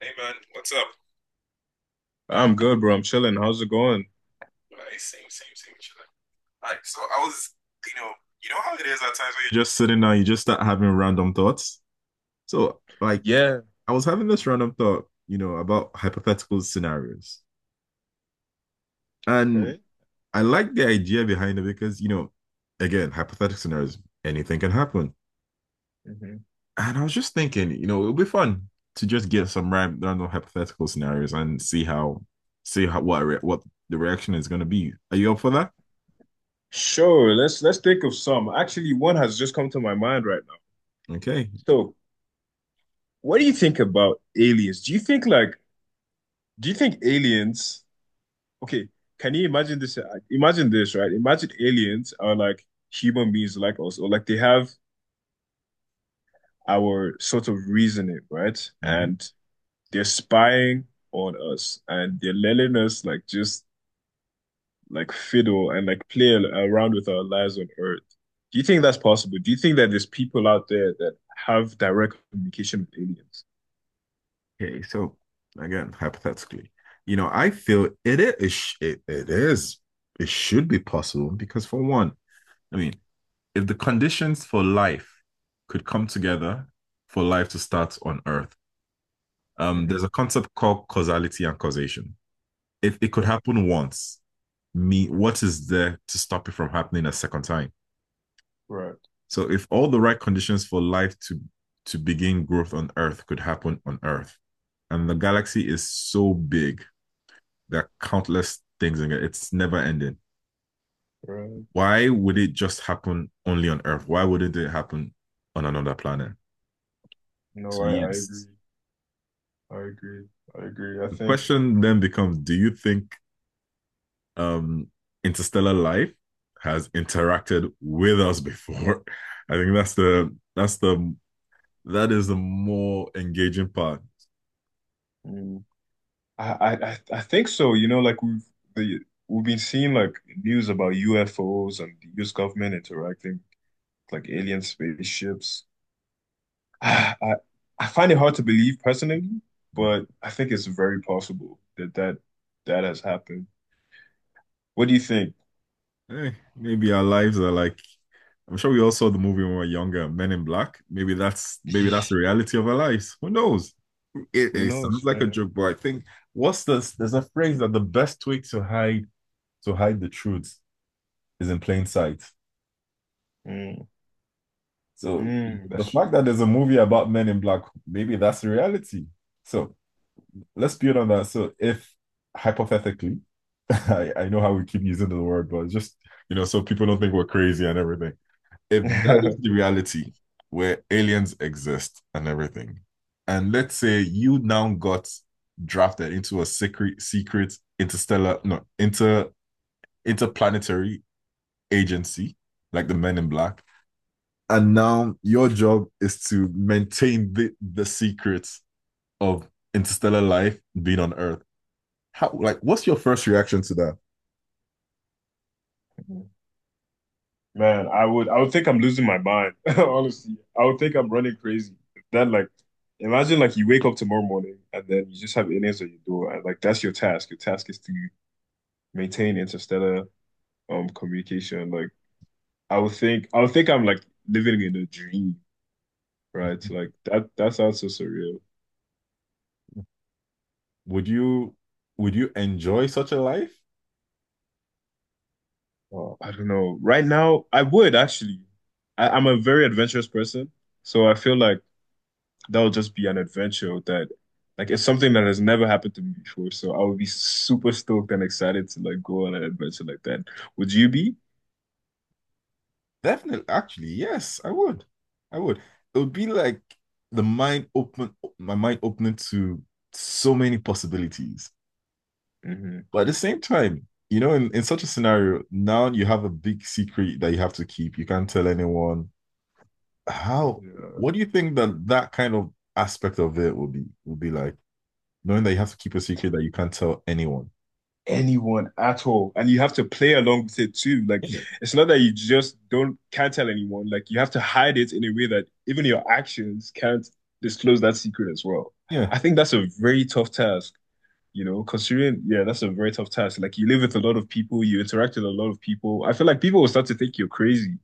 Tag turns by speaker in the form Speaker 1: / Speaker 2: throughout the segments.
Speaker 1: Hey man, what's up?
Speaker 2: I'm good, bro. I'm chilling. How's it going?
Speaker 1: Hey, same, same, same. Chilling. Like, so I was, you know, you know how it is at times when you're just sitting down, you just start having random thoughts. So, like,
Speaker 2: Yeah.
Speaker 1: I was having this random thought, about hypothetical scenarios, and
Speaker 2: Okay.
Speaker 1: I like the idea behind it because, again, hypothetical scenarios, anything can happen.
Speaker 2: Hmm.
Speaker 1: And I was just thinking, it would be fun to just get some random hypothetical scenarios and see how what what the reaction is going to be. Are you up for that?
Speaker 2: Sure. Let's think of some. Actually, one has just come to my mind right now.
Speaker 1: Okay.
Speaker 2: So, what do you think about aliens? Do you think aliens? Okay, can you imagine this? Imagine this, right? Imagine aliens are like human beings like us, or like they have our sort of reasoning, right?
Speaker 1: Mm-hmm.
Speaker 2: And they're spying on us, and they're letting us like just like fiddle and like play around with our lives on Earth. Do you think that's possible? Do you think that there's people out there that have direct communication with aliens?
Speaker 1: Okay, so again, hypothetically, I feel it is it should be possible because for one, I mean, if the conditions for life could come together for life to start on Earth, there's
Speaker 2: Hmm.
Speaker 1: a concept called causality and causation. If it could
Speaker 2: Right,
Speaker 1: happen once, what is there to stop it from happening a second time?
Speaker 2: right,
Speaker 1: So if all the right conditions for life to begin growth on Earth could happen on Earth, and the galaxy is so big. There are countless things in it. It's never ending.
Speaker 2: right.
Speaker 1: Why would it just happen only on Earth? Why wouldn't it happen on another planet?
Speaker 2: No,
Speaker 1: So
Speaker 2: I
Speaker 1: yes,
Speaker 2: agree. I agree. I agree. I
Speaker 1: the
Speaker 2: think
Speaker 1: question then becomes: do you think, um, interstellar life has interacted with us before? I think that is the more engaging part.
Speaker 2: mm, I think so. You know, like the we've been seeing like news about UFOs and the US government interacting with, like alien spaceships. I, I find it hard to believe personally, but I think it's very possible that that has happened. What do you think?
Speaker 1: Hey, maybe our lives are like, I'm sure we all saw the movie when we were younger, Men in Black. Maybe that's the reality of our lives. Who knows? It,
Speaker 2: Who
Speaker 1: it
Speaker 2: knows,
Speaker 1: sounds
Speaker 2: you
Speaker 1: like a
Speaker 2: know?
Speaker 1: joke, but I think, what's this? There's a phrase that the best way to hide the truth is in plain sight.
Speaker 2: Mm,
Speaker 1: So
Speaker 2: mm,
Speaker 1: the
Speaker 2: that's
Speaker 1: fact that
Speaker 2: that's
Speaker 1: there's a
Speaker 2: very-
Speaker 1: movie about Men in Black, maybe that's the reality. So let's build on that. So if, hypothetically, I know how we keep using the word, but just, so people don't think we're crazy and everything. If that is the reality where aliens exist and everything, and let's say you now got drafted into a secret interstellar, no, interplanetary agency, like the Men in Black, and now your job is to maintain the secrets of interstellar life being on Earth. How, like, what's your first reaction to that?
Speaker 2: Man, I would think I'm losing my mind. Honestly, I would think I'm running crazy. That like, imagine like you wake up tomorrow morning and then you just have aliens at your door and like that's your task. Your task is to maintain interstellar communication. Like I would think I'm like living in a dream. Right? So, like that sounds so surreal.
Speaker 1: Would you would you enjoy such a life?
Speaker 2: Oh, I don't know. Right now, I would actually. I'm a very adventurous person, so I feel like that'll just be an adventure that like it's something that has never happened to me before. So I would be super stoked and excited to like go on an adventure like that. Would you be?
Speaker 1: Definitely, actually, yes, I would. I would. It would be like, my mind opening to so many possibilities.
Speaker 2: Hmm.
Speaker 1: But at the same time, in such a scenario, now you have a big secret that you have to keep. You can't tell anyone. How,
Speaker 2: Yeah.
Speaker 1: what do you think that that kind of aspect of it will be like, knowing that you have to keep a secret that you can't tell anyone?
Speaker 2: Anyone at all. And you have to play along with it too. Like
Speaker 1: Yeah.
Speaker 2: it's not that you just don't can't tell anyone. Like you have to hide it in a way that even your actions can't disclose that secret as well.
Speaker 1: Yeah.
Speaker 2: I think that's a very tough task, considering yeah, that's a very tough task. Like you live with a lot of people, you interact with a lot of people. I feel like people will start to think you're crazy,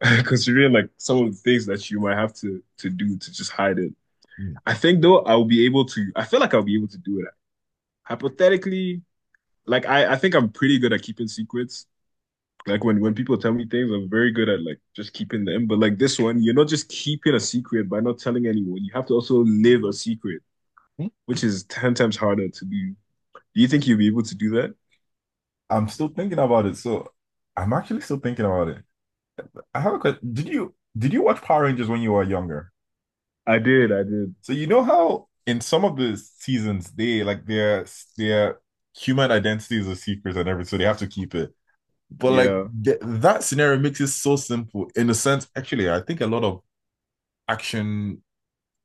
Speaker 2: considering like some of the things that you might have to do to just hide it.
Speaker 1: Mm.
Speaker 2: I think though I feel like I'll be able to do it. Hypothetically, like I think I'm pretty good at keeping secrets. Like when people tell me things, I'm very good at like just keeping them. But like this one, you're not just keeping a secret by not telling anyone. You have to also live a secret, which is 10 times harder to do. Do you think you'll be able to do that?
Speaker 1: I'm still thinking about it. So I'm actually still thinking about it. I have a question. Did you watch Power Rangers when you were younger?
Speaker 2: I did, I did.
Speaker 1: So you know how in some of the seasons they, like, their human identities are secrets and everything, so they have to keep it. But like,
Speaker 2: Yeah.
Speaker 1: th that scenario makes it so simple in a sense. Actually, I think a lot of action,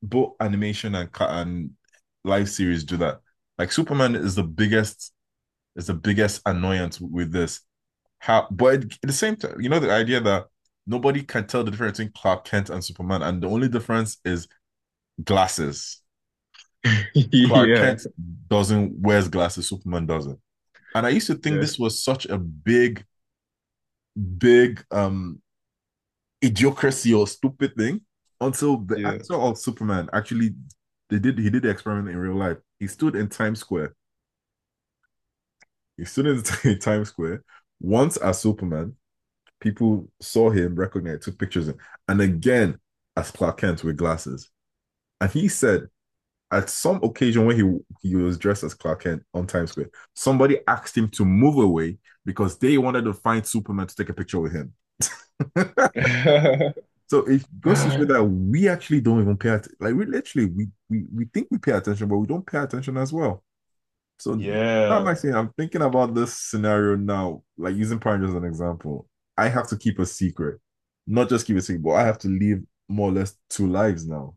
Speaker 1: both animation and live series do that. Like, Superman is the biggest annoyance with this. How But at the same time, the idea that nobody can tell the difference between Clark Kent and Superman, and the only difference is glasses. Clark
Speaker 2: Yeah.
Speaker 1: Kent doesn't wears glasses, Superman doesn't. And I used to think this
Speaker 2: Yes.
Speaker 1: was such a big, big, idiocracy, or stupid thing, until the
Speaker 2: Yeah.
Speaker 1: actor of Superman actually, they did he did the experiment in real life. He stood in Times Square. He stood in Times Square once as Superman, people saw him, recognized, took pictures, and again as Clark Kent with glasses. And he said at some occasion, when he was dressed as Clark Kent on Times Square, somebody asked him to move away because they wanted to find Superman to take a picture with him. So it goes to show that we actually don't even pay attention. Like, we literally we think we pay attention, but we don't pay attention as well. So, that
Speaker 2: Yeah.
Speaker 1: actually, I'm thinking about this scenario now, like using Prime as an example. I have to keep a secret, not just keep a secret, but I have to live more or less two lives now.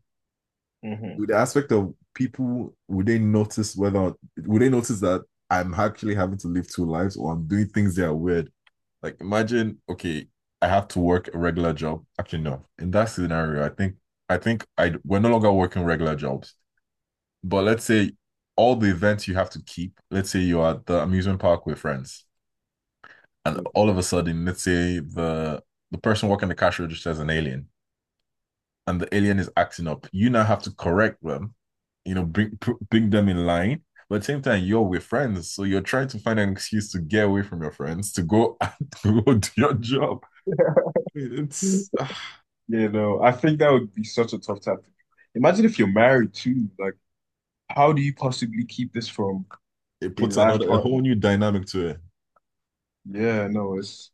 Speaker 2: Mhm.
Speaker 1: With the aspect of people, would they notice that I'm actually having to live two lives, or I'm doing things that are weird? Like imagine, okay, I have to work a regular job. Actually, no. In that scenario, I think I think I we're no longer working regular jobs. But let's say, all the events you have to keep, let's say you're at the amusement park with friends, and all of a sudden, let's say the person working the cash register is an alien, and the alien is acting up. You now have to correct them, you know, bring bring them in line. But at the same time, you're with friends, so you're trying to find an excuse to get away from your friends to go to go do your job. It's
Speaker 2: You know, I think that would be such a tough topic. Imagine if you're married too. Like, how do you possibly keep this from
Speaker 1: it
Speaker 2: a
Speaker 1: puts
Speaker 2: life
Speaker 1: another, a whole
Speaker 2: partner?
Speaker 1: new dynamic to it.
Speaker 2: Yeah, no, it's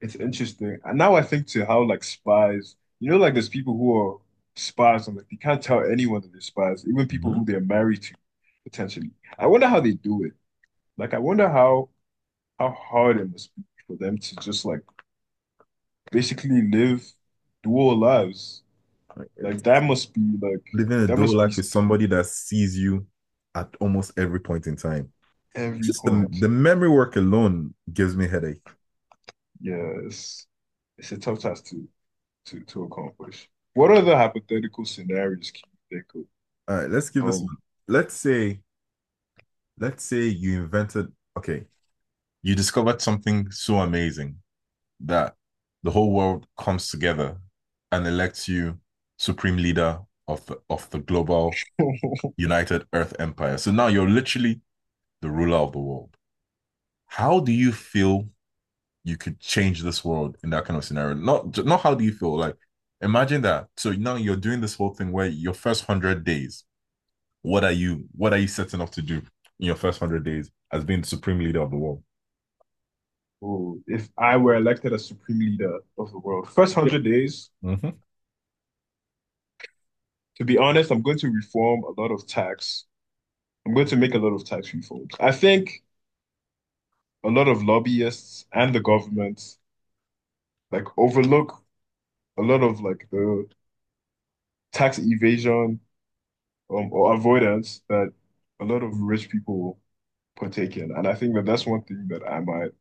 Speaker 2: it's interesting. And now I think to how like spies, like there's people who are spies and like they can't tell anyone that they're spies, even people who
Speaker 1: Mhm.
Speaker 2: they're married to, potentially. I wonder how they do it. Like, I wonder how hard it must be for them to just like basically live dual lives.
Speaker 1: Like,
Speaker 2: Like that must be like
Speaker 1: living a
Speaker 2: that
Speaker 1: dual
Speaker 2: must be
Speaker 1: life with somebody that sees you at almost every point in time.
Speaker 2: Every
Speaker 1: Just the,
Speaker 2: point.
Speaker 1: the memory work alone gives me headache.
Speaker 2: Yes. It's a tough task to accomplish. What other hypothetical scenarios can you think
Speaker 1: All right, let's give
Speaker 2: of?
Speaker 1: this one. Let's say, let's say you invented, okay, you discovered something so amazing that the whole world comes together and elects you supreme leader of the global United Earth Empire. So now you're literally the ruler of the world. How do you feel you could change this world in that kind of scenario? Not how do you feel? Like, imagine that. So now you're doing this whole thing where, your first 100 days, what are you setting up to do in your first 100 days as being the supreme leader of the world?
Speaker 2: Ooh, if I were elected as supreme leader of the world, first
Speaker 1: Yep.
Speaker 2: 100 days,
Speaker 1: Mhm,
Speaker 2: to be honest, I'm going to reform a lot of tax. I'm going to make a lot of tax reforms. I think a lot of lobbyists and the government like overlook a lot of like the tax evasion or avoidance that a lot of rich people partake in. And I think that that's one thing that I might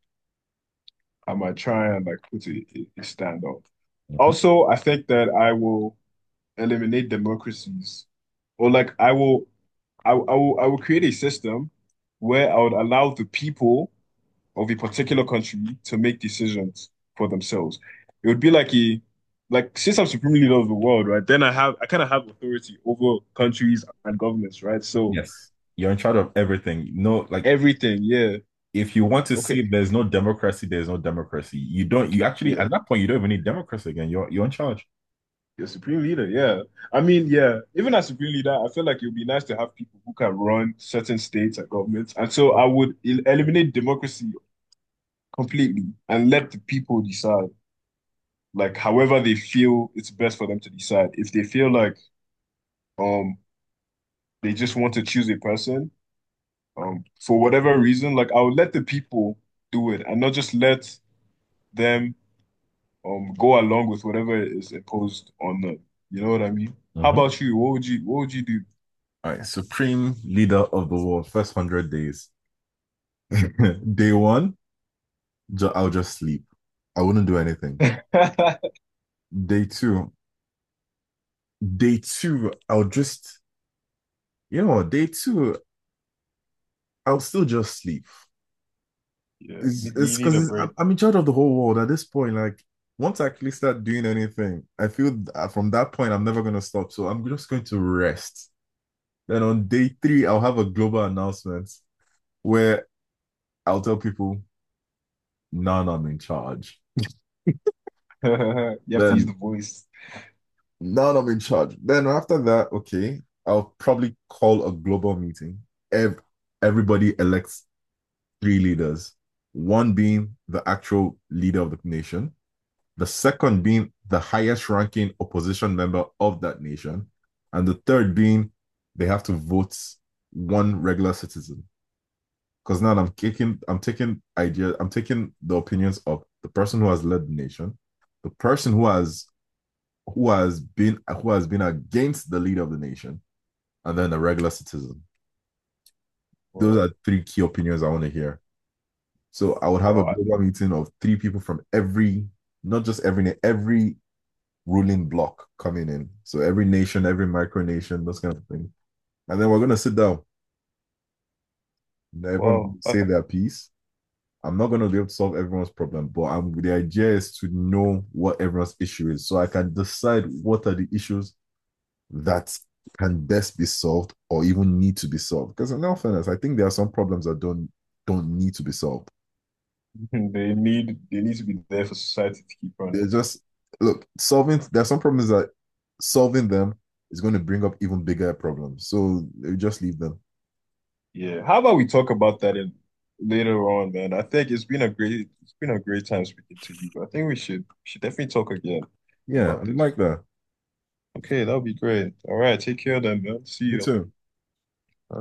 Speaker 2: I might try and like put a stand on.
Speaker 1: mhm.
Speaker 2: Also, I think that I will eliminate democracies, or like I will create a system where I would allow the people of a particular country to make decisions for themselves. It would be like since I'm supreme leader of the world, right? Then I kind of have authority over countries and governments, right? So
Speaker 1: Yes. You're in charge of everything. No, like,
Speaker 2: everything, yeah.
Speaker 1: if you want to
Speaker 2: Okay,
Speaker 1: say there's no democracy, there's no democracy. You don't you actually,
Speaker 2: yeah.
Speaker 1: at that point, you don't even need democracy again. You're in charge.
Speaker 2: Your supreme leader, yeah. I mean, yeah. Even as supreme leader, I feel like it would be nice to have people who can run certain states and governments. And so I would eliminate democracy completely and let the people decide, like however they feel it's best for them to decide. If they feel like um they just want to choose a person, for whatever reason, like I would let the people do it and not just let them go along with whatever is imposed on them. You know what I mean? How
Speaker 1: Mhm.
Speaker 2: about you? What would you do?
Speaker 1: All right. Supreme leader of the world, first 100 days. Day one, I'll just sleep. I wouldn't do anything. Day two, day two, I'll just, you know what, day two, I'll still just sleep.
Speaker 2: Yeah,
Speaker 1: It's
Speaker 2: you
Speaker 1: it's
Speaker 2: you need a
Speaker 1: because it's, I'm,
Speaker 2: break.
Speaker 1: I'm in charge of the whole world at this point. Like, once I actually start doing anything, I feel that from that point, I'm never going to stop. So I'm just going to rest. Then on day three, I'll have a global announcement where I'll tell people, now I'm in charge.
Speaker 2: You have to use the
Speaker 1: Then,
Speaker 2: voice.
Speaker 1: now that I'm in charge. Then after that, okay, I'll probably call a global meeting. Ev Everybody elects three leaders, one being the actual leader of the nation, the second being the highest ranking opposition member of that nation, and the third being, they have to vote, one regular citizen. Because now I'm taking ideas, I'm taking the opinions of the person who has led the nation, the person who has been against the leader of the nation, and then the regular citizen. Those
Speaker 2: Wow,
Speaker 1: are three key opinions I want to hear. So I would have a global meeting of three people from not just every ruling block coming in. So every nation, every micronation, those kind of thing. And then we're gonna sit down. Everyone
Speaker 2: wow,
Speaker 1: say
Speaker 2: wow.
Speaker 1: their piece. I'm not gonna be able to solve everyone's problem, but the idea is to know what everyone's issue is, so I can decide what are the issues that can best be solved or even need to be solved. Because in all fairness, I think there are some problems that don't need to be solved.
Speaker 2: They need to be there for society to keep
Speaker 1: They're
Speaker 2: running.
Speaker 1: just, look, solving, there are some problems that solving them is going to bring up even bigger problems. So just leave them.
Speaker 2: Yeah, how about we talk about that in later on, man? I think it's been a great time speaking to you. I think we should definitely talk again
Speaker 1: Yeah, I
Speaker 2: about
Speaker 1: mean,
Speaker 2: this.
Speaker 1: like that.
Speaker 2: Okay, that would be great. All right, take care then, man. See
Speaker 1: You
Speaker 2: you.
Speaker 1: too.